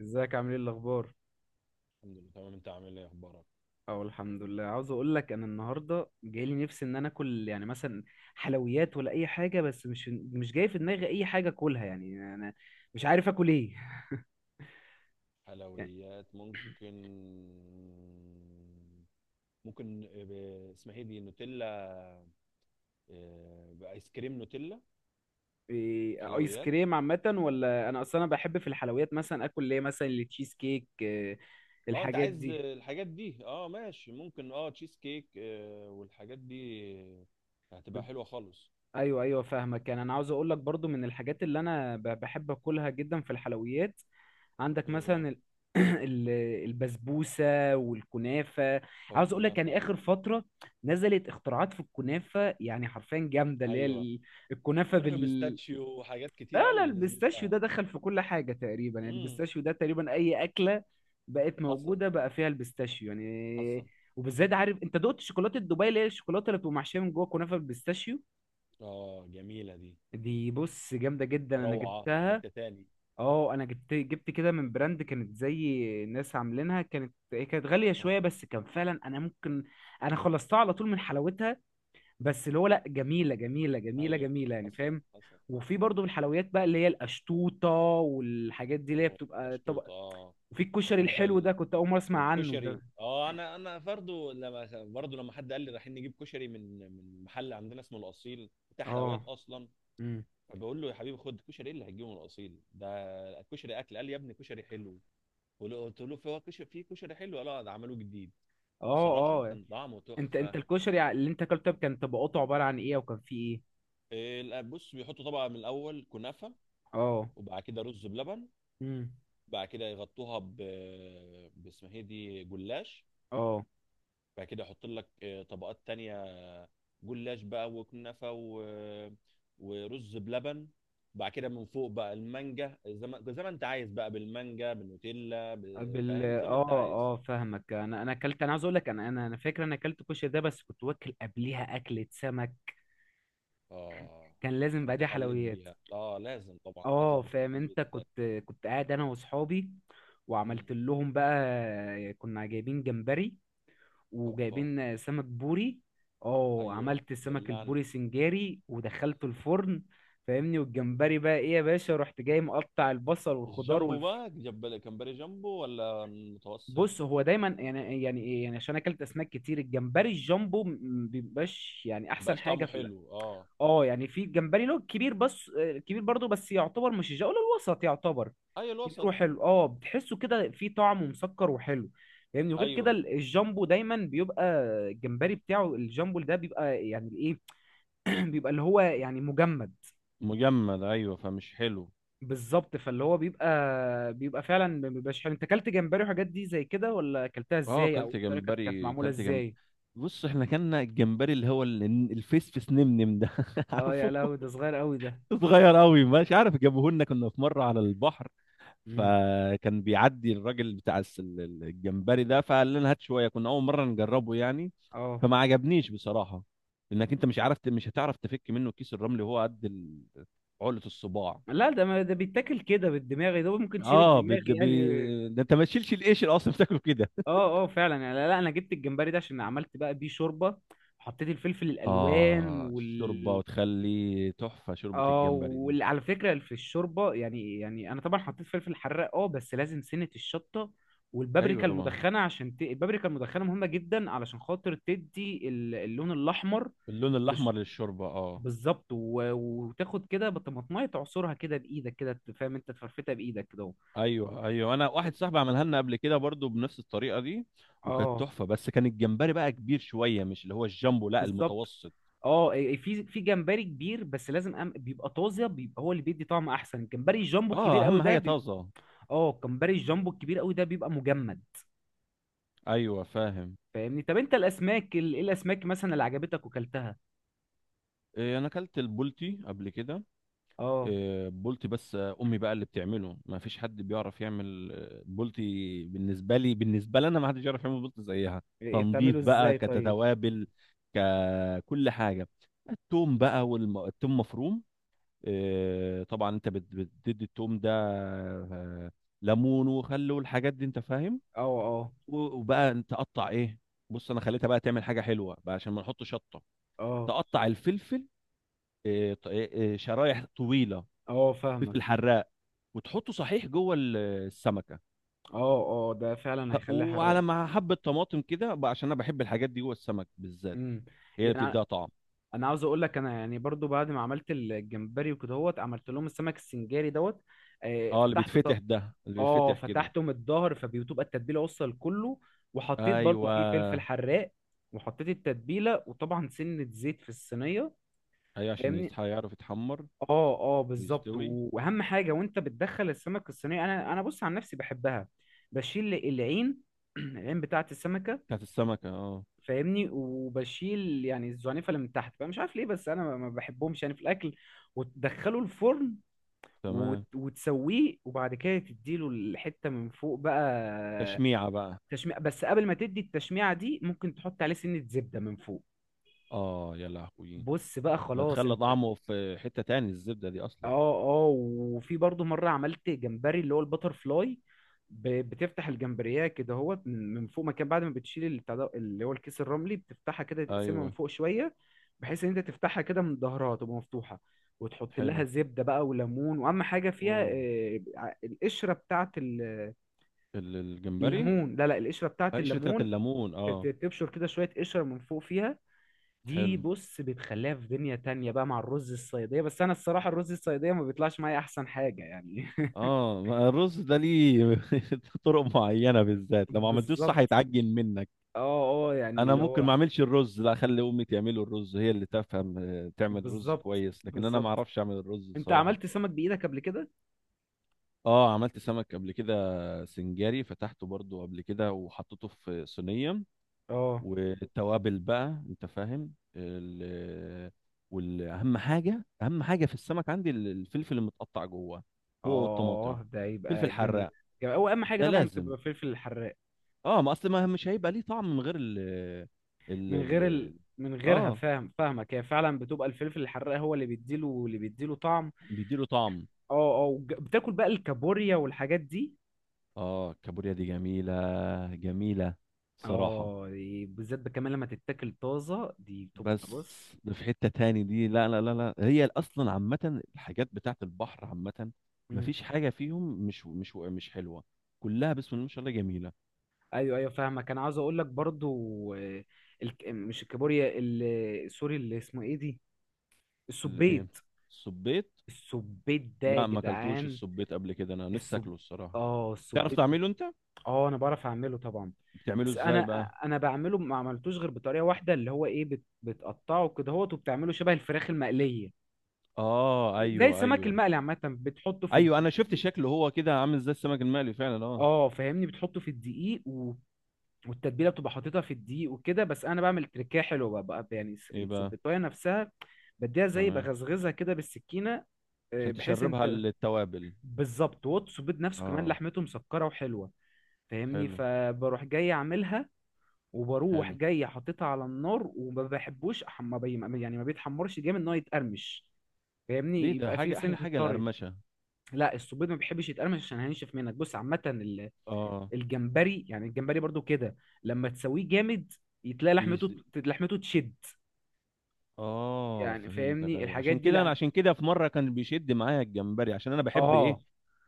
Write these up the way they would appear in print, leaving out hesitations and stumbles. ازيك، عامل ايه الاخبار؟ الحمد لله، تمام. انت عامل ايه، اخبارك؟ اه، الحمد لله. عاوز اقول لك انا النهارده جاي لي نفسي ان انا اكل يعني مثلا حلويات ولا اي حاجه، بس مش جاي في دماغي اي حاجه اكلها، يعني انا مش عارف اكل ايه. يعني حلويات ممكن. ممكن اسمها ايه دي، نوتيلا. اه، بايس كريم نوتيلا. إيه؟ ايس حلويات. كريم عامه، ولا انا اصلا انا بحب في الحلويات مثلا اكل ليه مثلا التشيز كيك، اه انت الحاجات عايز دي. الحاجات دي. اه ماشي، ممكن. اه تشيز كيك، والحاجات دي هتبقى حلوه خالص. ايوه، ايوه، فاهمك. يعني انا عاوز اقول لك برضو من الحاجات اللي انا بحب اكلها جدا في الحلويات، عندك ايه بقى؟ مثلا ال- البسبوسه والكنافه. او عاوز اقول لك يعني الكنافه. اخر فتره نزلت اختراعات في الكنافه، يعني حرفيا جامده. اللي هي ايوه. الكنافه كنافه بيستاتشيو وحاجات لا، كتير لا، قوي نزلت البيستاشيو لها. ده دخل في كل حاجه تقريبا، يعني امم. البيستاشيو ده تقريبا اي اكله بقت حصل، موجوده بقى فيها البيستاشيو يعني. حصل. وبالذات عارف انت دقت شوكولاته دبي اللي هي الشوكولاته اللي بتبقى محشيه من جوه كنافه بالبيستاشيو؟ اه جميله دي. دي بص جامده جدا، انا روعه في جبتها. حته تاني. اه، انا جبت كده من براند، كانت زي ناس عاملينها، كانت هي كانت غاليه شويه، اه، بس كان فعلا انا ممكن انا خلصتها على طول من حلاوتها، بس اللي هو لا، جميله جميله جميله ايوه. جميله، يعني حصل، فاهم. حصل. وفي برضو من الحلويات بقى اللي هي القشطوطه والحاجات دي، اللي هي اوه، بتبقى طبق. مشطوط. اه وفي الكشري كنا في الحلو ال... ده، كنت اول مره اسمع عنه ده. والكشري. اه، انا برضو لما حد قال لي رايحين نجيب كشري من محل عندنا اسمه الاصيل، بتاع حلويات اه. اصلا. امم. فبقول له يا حبيبي، خد كشري، ايه اللي هتجيبه من الاصيل ده؟ الكشري اكل. قال لي يا ابني، كشري حلو. قلت له في، هو كشري في كشري حلو؟ قال اه، ده عملوه جديد. بصراحه اه. اه. كان طعمه انت تحفه. الكشري اللي انت اكلته كان طبقاته عباره عن ايه، وكان فيه ايه؟ إيه، لا، بص بيحطوا طبقه من الاول كنافه، اه. وبعد كده رز بلبن، امم. بعد كده يغطوها باسمها ايه دي، جلاش. اه. بعد كده احط لك طبقات تانية، جلاش بقى وكنافه ورز بلبن. بعد كده من فوق بقى المانجا، زي ما زي ما انت عايز، بقى بالمانجا، بالنوتيلا، فاهم، زي ما اه، انت عايز. اه، فاهمك. انا عاوز اقول لك، انا فاكر انا اكلت كشري ده، بس كنت واكل قبليها اكلة سمك، اه كان لازم بقى فانت دي حليت حلويات. بيها. اه لازم طبعا اكله اه، السمك فاهم. دي انت بالذات. كنت قاعد انا واصحابي، مم. وعملت لهم بقى، كنا جايبين جمبري اوبا. وجايبين سمك بوري. اه، ايوه عملت السمك دلعني. البوري سنجاري ودخلته الفرن. فاهمني؟ والجمبري بقى ايه يا باشا، رحت جاي مقطع البصل والخضار. الجامبو. بقى جاب كمبري جامبو ولا متوسط؟ بص، هو دايما يعني ايه يعني، عشان اكلت اسماك كتير، الجمبري الجامبو بيبقاش يعني احسن مبقاش حاجه طعمه في الأكل. حلو، اه. اه، يعني في جمبري له كبير بس، كبير برضه، بس يعتبر مش الجو الوسط، يعتبر ايوه كبير الوسط. وحلو. اه، بتحسه كده فيه طعم ومسكر وحلو يعني. وغير كده ايوه. الجامبو دايما بيبقى، الجمبري بتاعه الجامبو ده بيبقى يعني الايه، بيبقى اللي هو يعني مجمد. مجمد، ايوه، فمش حلو. بالظبط، فاللي هو بيبقى، فعلا ما بيبقاش حلو. انت اكلت جمبري وحاجات دي زي كده، ولا اكلتها اه، ازاي؟ او إيه كلت الطريقه، كانت جمبري، معموله كلت جمب ازاي؟ بص احنا كنا الجمبري اللي هو الفيس فيس نمنم ده اه يا عارفه؟ لهوي، ده صغير قوي ده. صغير قوي، مش عارف، جابوه لنا كنا في مره على البحر. مم. فكان بيعدي الراجل بتاع الجمبري ده، فقال لنا هات شويه، كنا اول مره نجربه يعني. اه، فما عجبنيش بصراحه. انك انت مش عارف مش هتعرف تفك منه كيس الرمل، وهو قد عقله، الصباع. لا ده، ما ده بيتاكل كده بالدماغ، ده ممكن تشيل اه الدماغ يعني. ده انت ما تشيلش القشر اصلا، بتاكله كده. اه، اه، فعلا يعني. لا, لا، انا جبت الجمبري ده عشان عملت بقى بيه شوربه. حطيت الفلفل الالوان آه الشوربة، وتخلي تحفة شوربة اه، الجمبري دي. وعلى فكره في الشوربه يعني انا طبعا حطيت فلفل حراق، اه، بس لازم سنه الشطه أيوة والبابريكا طبعا. المدخنه عشان البابريكا المدخنه مهمه جدا علشان خاطر تدي اللون الاحمر. اللون الأحمر للشوربة، آه. بالظبط، وتاخد كده بطماطمايه، تعصرها كده بايدك كده، فاهم؟ انت تفرفتها بايدك كده اهو. أيوة، أيوة، أنا واحد صاحبي عملها لنا قبل كده برضو بنفس الطريقة دي، وكانت اه، تحفة، بس كان الجمبري بقى كبير شوية، مش اللي هو الجامبو، لا، بالظبط. المتوسط. اه، إيه، في جمبري كبير بس لازم بيبقى طازه، بيبقى هو اللي بيدي طعم احسن. الجمبري الجامبو الكبير آه قوي أهم ده حاجة بيبقى، طازة. اه، الجمبري الجامبو الكبير قوي ده بيبقى مجمد. أيوة فاهم. فاهمني؟ طب انت الاسماك ايه الاسماك مثلا اللي عجبتك وكلتها؟ إيه، أنا أكلت البولتي قبل كده. اه. بولتي، بس امي بقى اللي بتعمله ما فيش حد بيعرف يعمل بولتي بالنسبه لي، بالنسبه لنا، ما حدش يعرف يعمل بولتي زيها. إيه، تنظيف بتعمله بقى، ازاي طيب؟ كتوابل، ككل حاجه. التوم بقى، والتوم مفروم، طبعا. انت بتدي التوم ده ليمون وخل والحاجات دي، انت فاهم. اه، اه، وبقى انت قطع ايه؟ بص انا خليتها بقى تعمل حاجه حلوه بقى، عشان ما نحط شطه. اه، تقطع الفلفل، آه، ط- آه، شرايح طويله، اه، فلفل فاهمك. حراق، وتحطه صحيح جوه السمكه. اه، اه، ده فعلا ه- هيخليها حراق. وعلى مع حبه طماطم كده بقى، عشان انا بحب الحاجات دي جوه السمك بالذات، امم. هي اللي يعني بتديها طعم. انا عاوز اقول لك، انا يعني برضو بعد ما عملت الجمبري وكده هوت، عملت لهم السمك السنجاري دوت. اه، اللي فتحته بيتفتح ده، اللي اه، بيتفتح كده. فتحته من الظهر، فبتبقى التتبيله وصل كله. وحطيت برضو فيه فلفل ايوه، حراق، وحطيت التتبيله، وطبعا سنه زيت في الصينيه. ايوه، عشان فاهمني؟ يصحى يعرف يتحمر اه، اه، بالظبط. ويستوي. واهم حاجه وانت بتدخل السمك الصينيه، انا، بص عن نفسي، بحبها بشيل العين. العين بتاعه السمكه. بتاعت السمكه، اه. فاهمني؟ وبشيل يعني الزعنفه اللي من تحت بقى، مش عارف ليه بس انا ما بحبهمش يعني في الاكل. وتدخله الفرن، تمام. وتسويه، وبعد كده تديله الحته من فوق بقى. تشميعه بقى. تشميع، بس قبل ما تدي التشميعه دي ممكن تحط عليه سنه زبده من فوق. اه يا لهوي. بص بقى، ده خلاص تخلى انت. طعمه في حته تاني، الزبده دي اه، اصلا. اه، وفي برضه مره عملت جمبري اللي هو البتر فلاي. بتفتح الجمبريه كده، هو من فوق مكان، بعد ما بتشيل البتاع اللي هو الكيس الرملي، بتفتحها كده، تقسمها من ايوه. فوق شويه، بحيث ان انت تفتحها كده من ظهرها تبقى مفتوحه، وتحط حلو. لها زبده بقى وليمون. واهم حاجه فيها اوه، القشره بتاعه الجمبري. الليمون. لا، لا، القشره بتاعه قشره بتاعت الليمون، الليمون، اه. تبشر كده شويه قشره من فوق فيها. دي حلو. بص بتخليها في دنيا تانية بقى مع الرز الصيادية، بس أنا الصراحة الرز الصيادية ما بيطلعش معايا أحسن حاجة يعني. اه، ما الرز ده ليه طرق معينه، بالذات لو ما عملتوش صح بالظبط، يتعجن منك. اه، اه، يعني انا اللي ممكن ما هو اعملش الرز، لا، اخلي امي تعمله الرز، هي اللي تفهم، تعمل رز بالظبط، كويس، لكن انا ما بالظبط. اعرفش اعمل الرز أنت الصراحه. عملت سمك بإيدك قبل كده؟ اه عملت سمك قبل كده. سنجاري، فتحته برضو قبل كده وحطيته في صينيه، اه، والتوابل بقى انت فاهم والاهم حاجه اهم حاجه في السمك عندي الفلفل المتقطع جوه، هو والطماطم، اه، ده فلفل يبقى جامد. حراق. جامد. هو أهم حاجة ده طبعا لازم. بتبقى الفلفل الحراق، اه، ما اصل ما مش هيبقى ليه طعم من غير ال ال من غير ال من غيرها، اه فاهم؟ فاهمك، هي فعلا بتبقى الفلفل الحراق هو اللي بيديله طعم. بيديله طعم. اه، اه، بتاكل بقى الكابوريا والحاجات دي؟ اه الكابوريا دي جميلة، جميلة، صراحة. اه، دي بالذات بقى كمان لما تتاكل طازه، دي بتبقى بس بص. ده في حتة تاني دي. لا، لا، لا، لا، هي اصلا عامة، الحاجات بتاعت البحر عامة، مم. مفيش حاجة فيهم مش حلوة، كلها بسم الله ما شاء الله جميلة. ايوه، ايوه، فاهمك. انا عاوز اقول لك برضو مش الكابوريا، سوري، اللي اسمه ايه دي، الايه؟ السبيت. الصبيط. السبيت ده يا لا، ما اكلتوش جدعان. الصبيط قبل كده، انا نفسي السب اكله الصراحة. اه تعرف السبيت. تعمله انت؟ اه، انا بعرف اعمله طبعا، بتعمله بس انا ازاي بقى؟ انا بعمله ما عملتوش غير بطريقه واحده اللي هو ايه، بتقطعه كده هوت وبتعمله شبه الفراخ المقليه، اه، زي ايوه، السمك ايوه. المقلي عامه، بتحطه ايوه انا شفت شكله هو كده عامل زي السمك المقلي فعلا، اه. اه، فاهمني، بتحطه في الدقيق والتتبيله، بتبقى حاططها في الدقيق وكده. بس انا بعمل تركايه حلوه بقى، يعني ايه بقى؟ السبيطايه نفسها، بديها زي تمام، بغزغزها كده بالسكينه، عشان بحيث تشربها انت، التوابل. بالظبط. والسبيط نفسه كمان اه. لحمته مسكره وحلوه، فاهمني؟ حلو. فبروح جاي اعملها، وبروح حلو. جاي حاططها على النار، وما بحبوش أح- ما بي... ما- يعني ما بيتحمرش جامد ان هو يتقرمش. ليه؟ فاهمني؟ ده يبقى فيه حاجه، احلى سنه حاجه الطري. القرمشه. لا، السبيط ما بيحبش يتقرمش عشان هينشف منك، بص عامه. اه. الجمبري، يعني الجمبري برضو كده، لما تسويه جامد، يتلاقي يس... لحمته تشد اه يعني، فهمتك، فاهمني؟ ايوه. الحاجات عشان دي كده انا، عشان كده في مره كان بيشد معايا الجمبري، عشان انا بحب ايه، اه،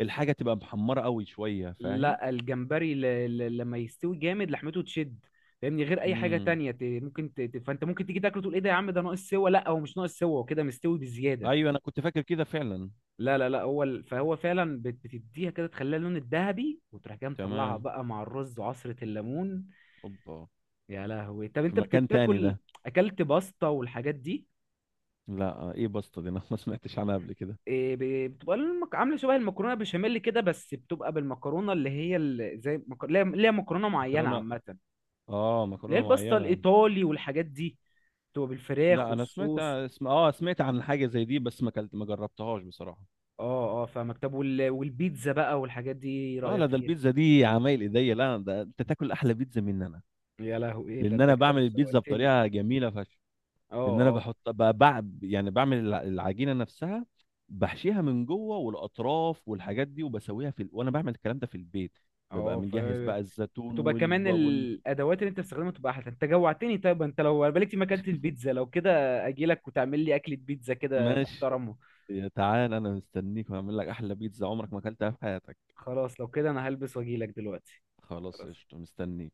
الحاجه تبقى محمره قوي شويه، فاهم. لا الجمبري، لما يستوي جامد، لحمته تشد، فاهمني، غير اي حاجه امم. تانية. ممكن فانت ممكن تيجي تاكله، تقول ايه ده يا عم، ده ناقص سوا. لا، هو مش ناقص سوا، هو كده مستوي بزياده. ايوه انا كنت فاكر كده فعلا. لا، لا، لا، هو فهو فعلا بتديها كده، تخليها اللون الذهبي، وتروح جاي مطلعها تمام. بقى مع الرز وعصره الليمون. اوبا. يا لهوي، طب في انت مكان تاني بتاكل ده. اكلت باستا والحاجات دي؟ لا، ايه بسطه دي انا ما سمعتش عنها قبل كده. إيه، بتبقى عامله شبه المكرونه بشاميل كده، بس بتبقى بالمكرونه اللي هي اللي هي مكرونه معينه مكرونه. عامه، اه اللي هي مكرونه الباستا معينه. الايطالي والحاجات دي، بتبقى بالفراخ لا انا سمعت والصوص. اسم، سمعت عن حاجه زي دي، بس ما جربتهاش بصراحه. اه، اه، فاهمك. طب والبيتزا بقى والحاجات دي إيه اه رايك لا، ده فيها؟ البيتزا دي عمايل ايديا، لا، ده انت تاكل احلى بيتزا مني انا. يا لهوي، ايه ده، لان انت انا كده بعمل البيتزا شوقتني. بطريقه جميله فشخ. اه، لان انا اه، بحط يعني بعمل العجينه نفسها، بحشيها من جوه، والاطراف والحاجات دي، وبسويها وانا بعمل الكلام ده في البيت. ببقى اه، مجهز بقى الزيتون بتبقى والب... كمان وال الادوات اللي انت بتستخدمها بتبقى احلى. انت جوعتني، طيب انت لو بالك دي، ما كانت البيتزا لو كده اجي لك وتعمل لي اكله بيتزا كده ماشي. محترمه. يا تعال، انا مستنيك وهعمل لك احلى بيتزا عمرك ما اكلتها في حياتك. خلاص، لو كده انا هلبس واجي لك دلوقتي. خلاص قشطه، خلاص. مستنيك.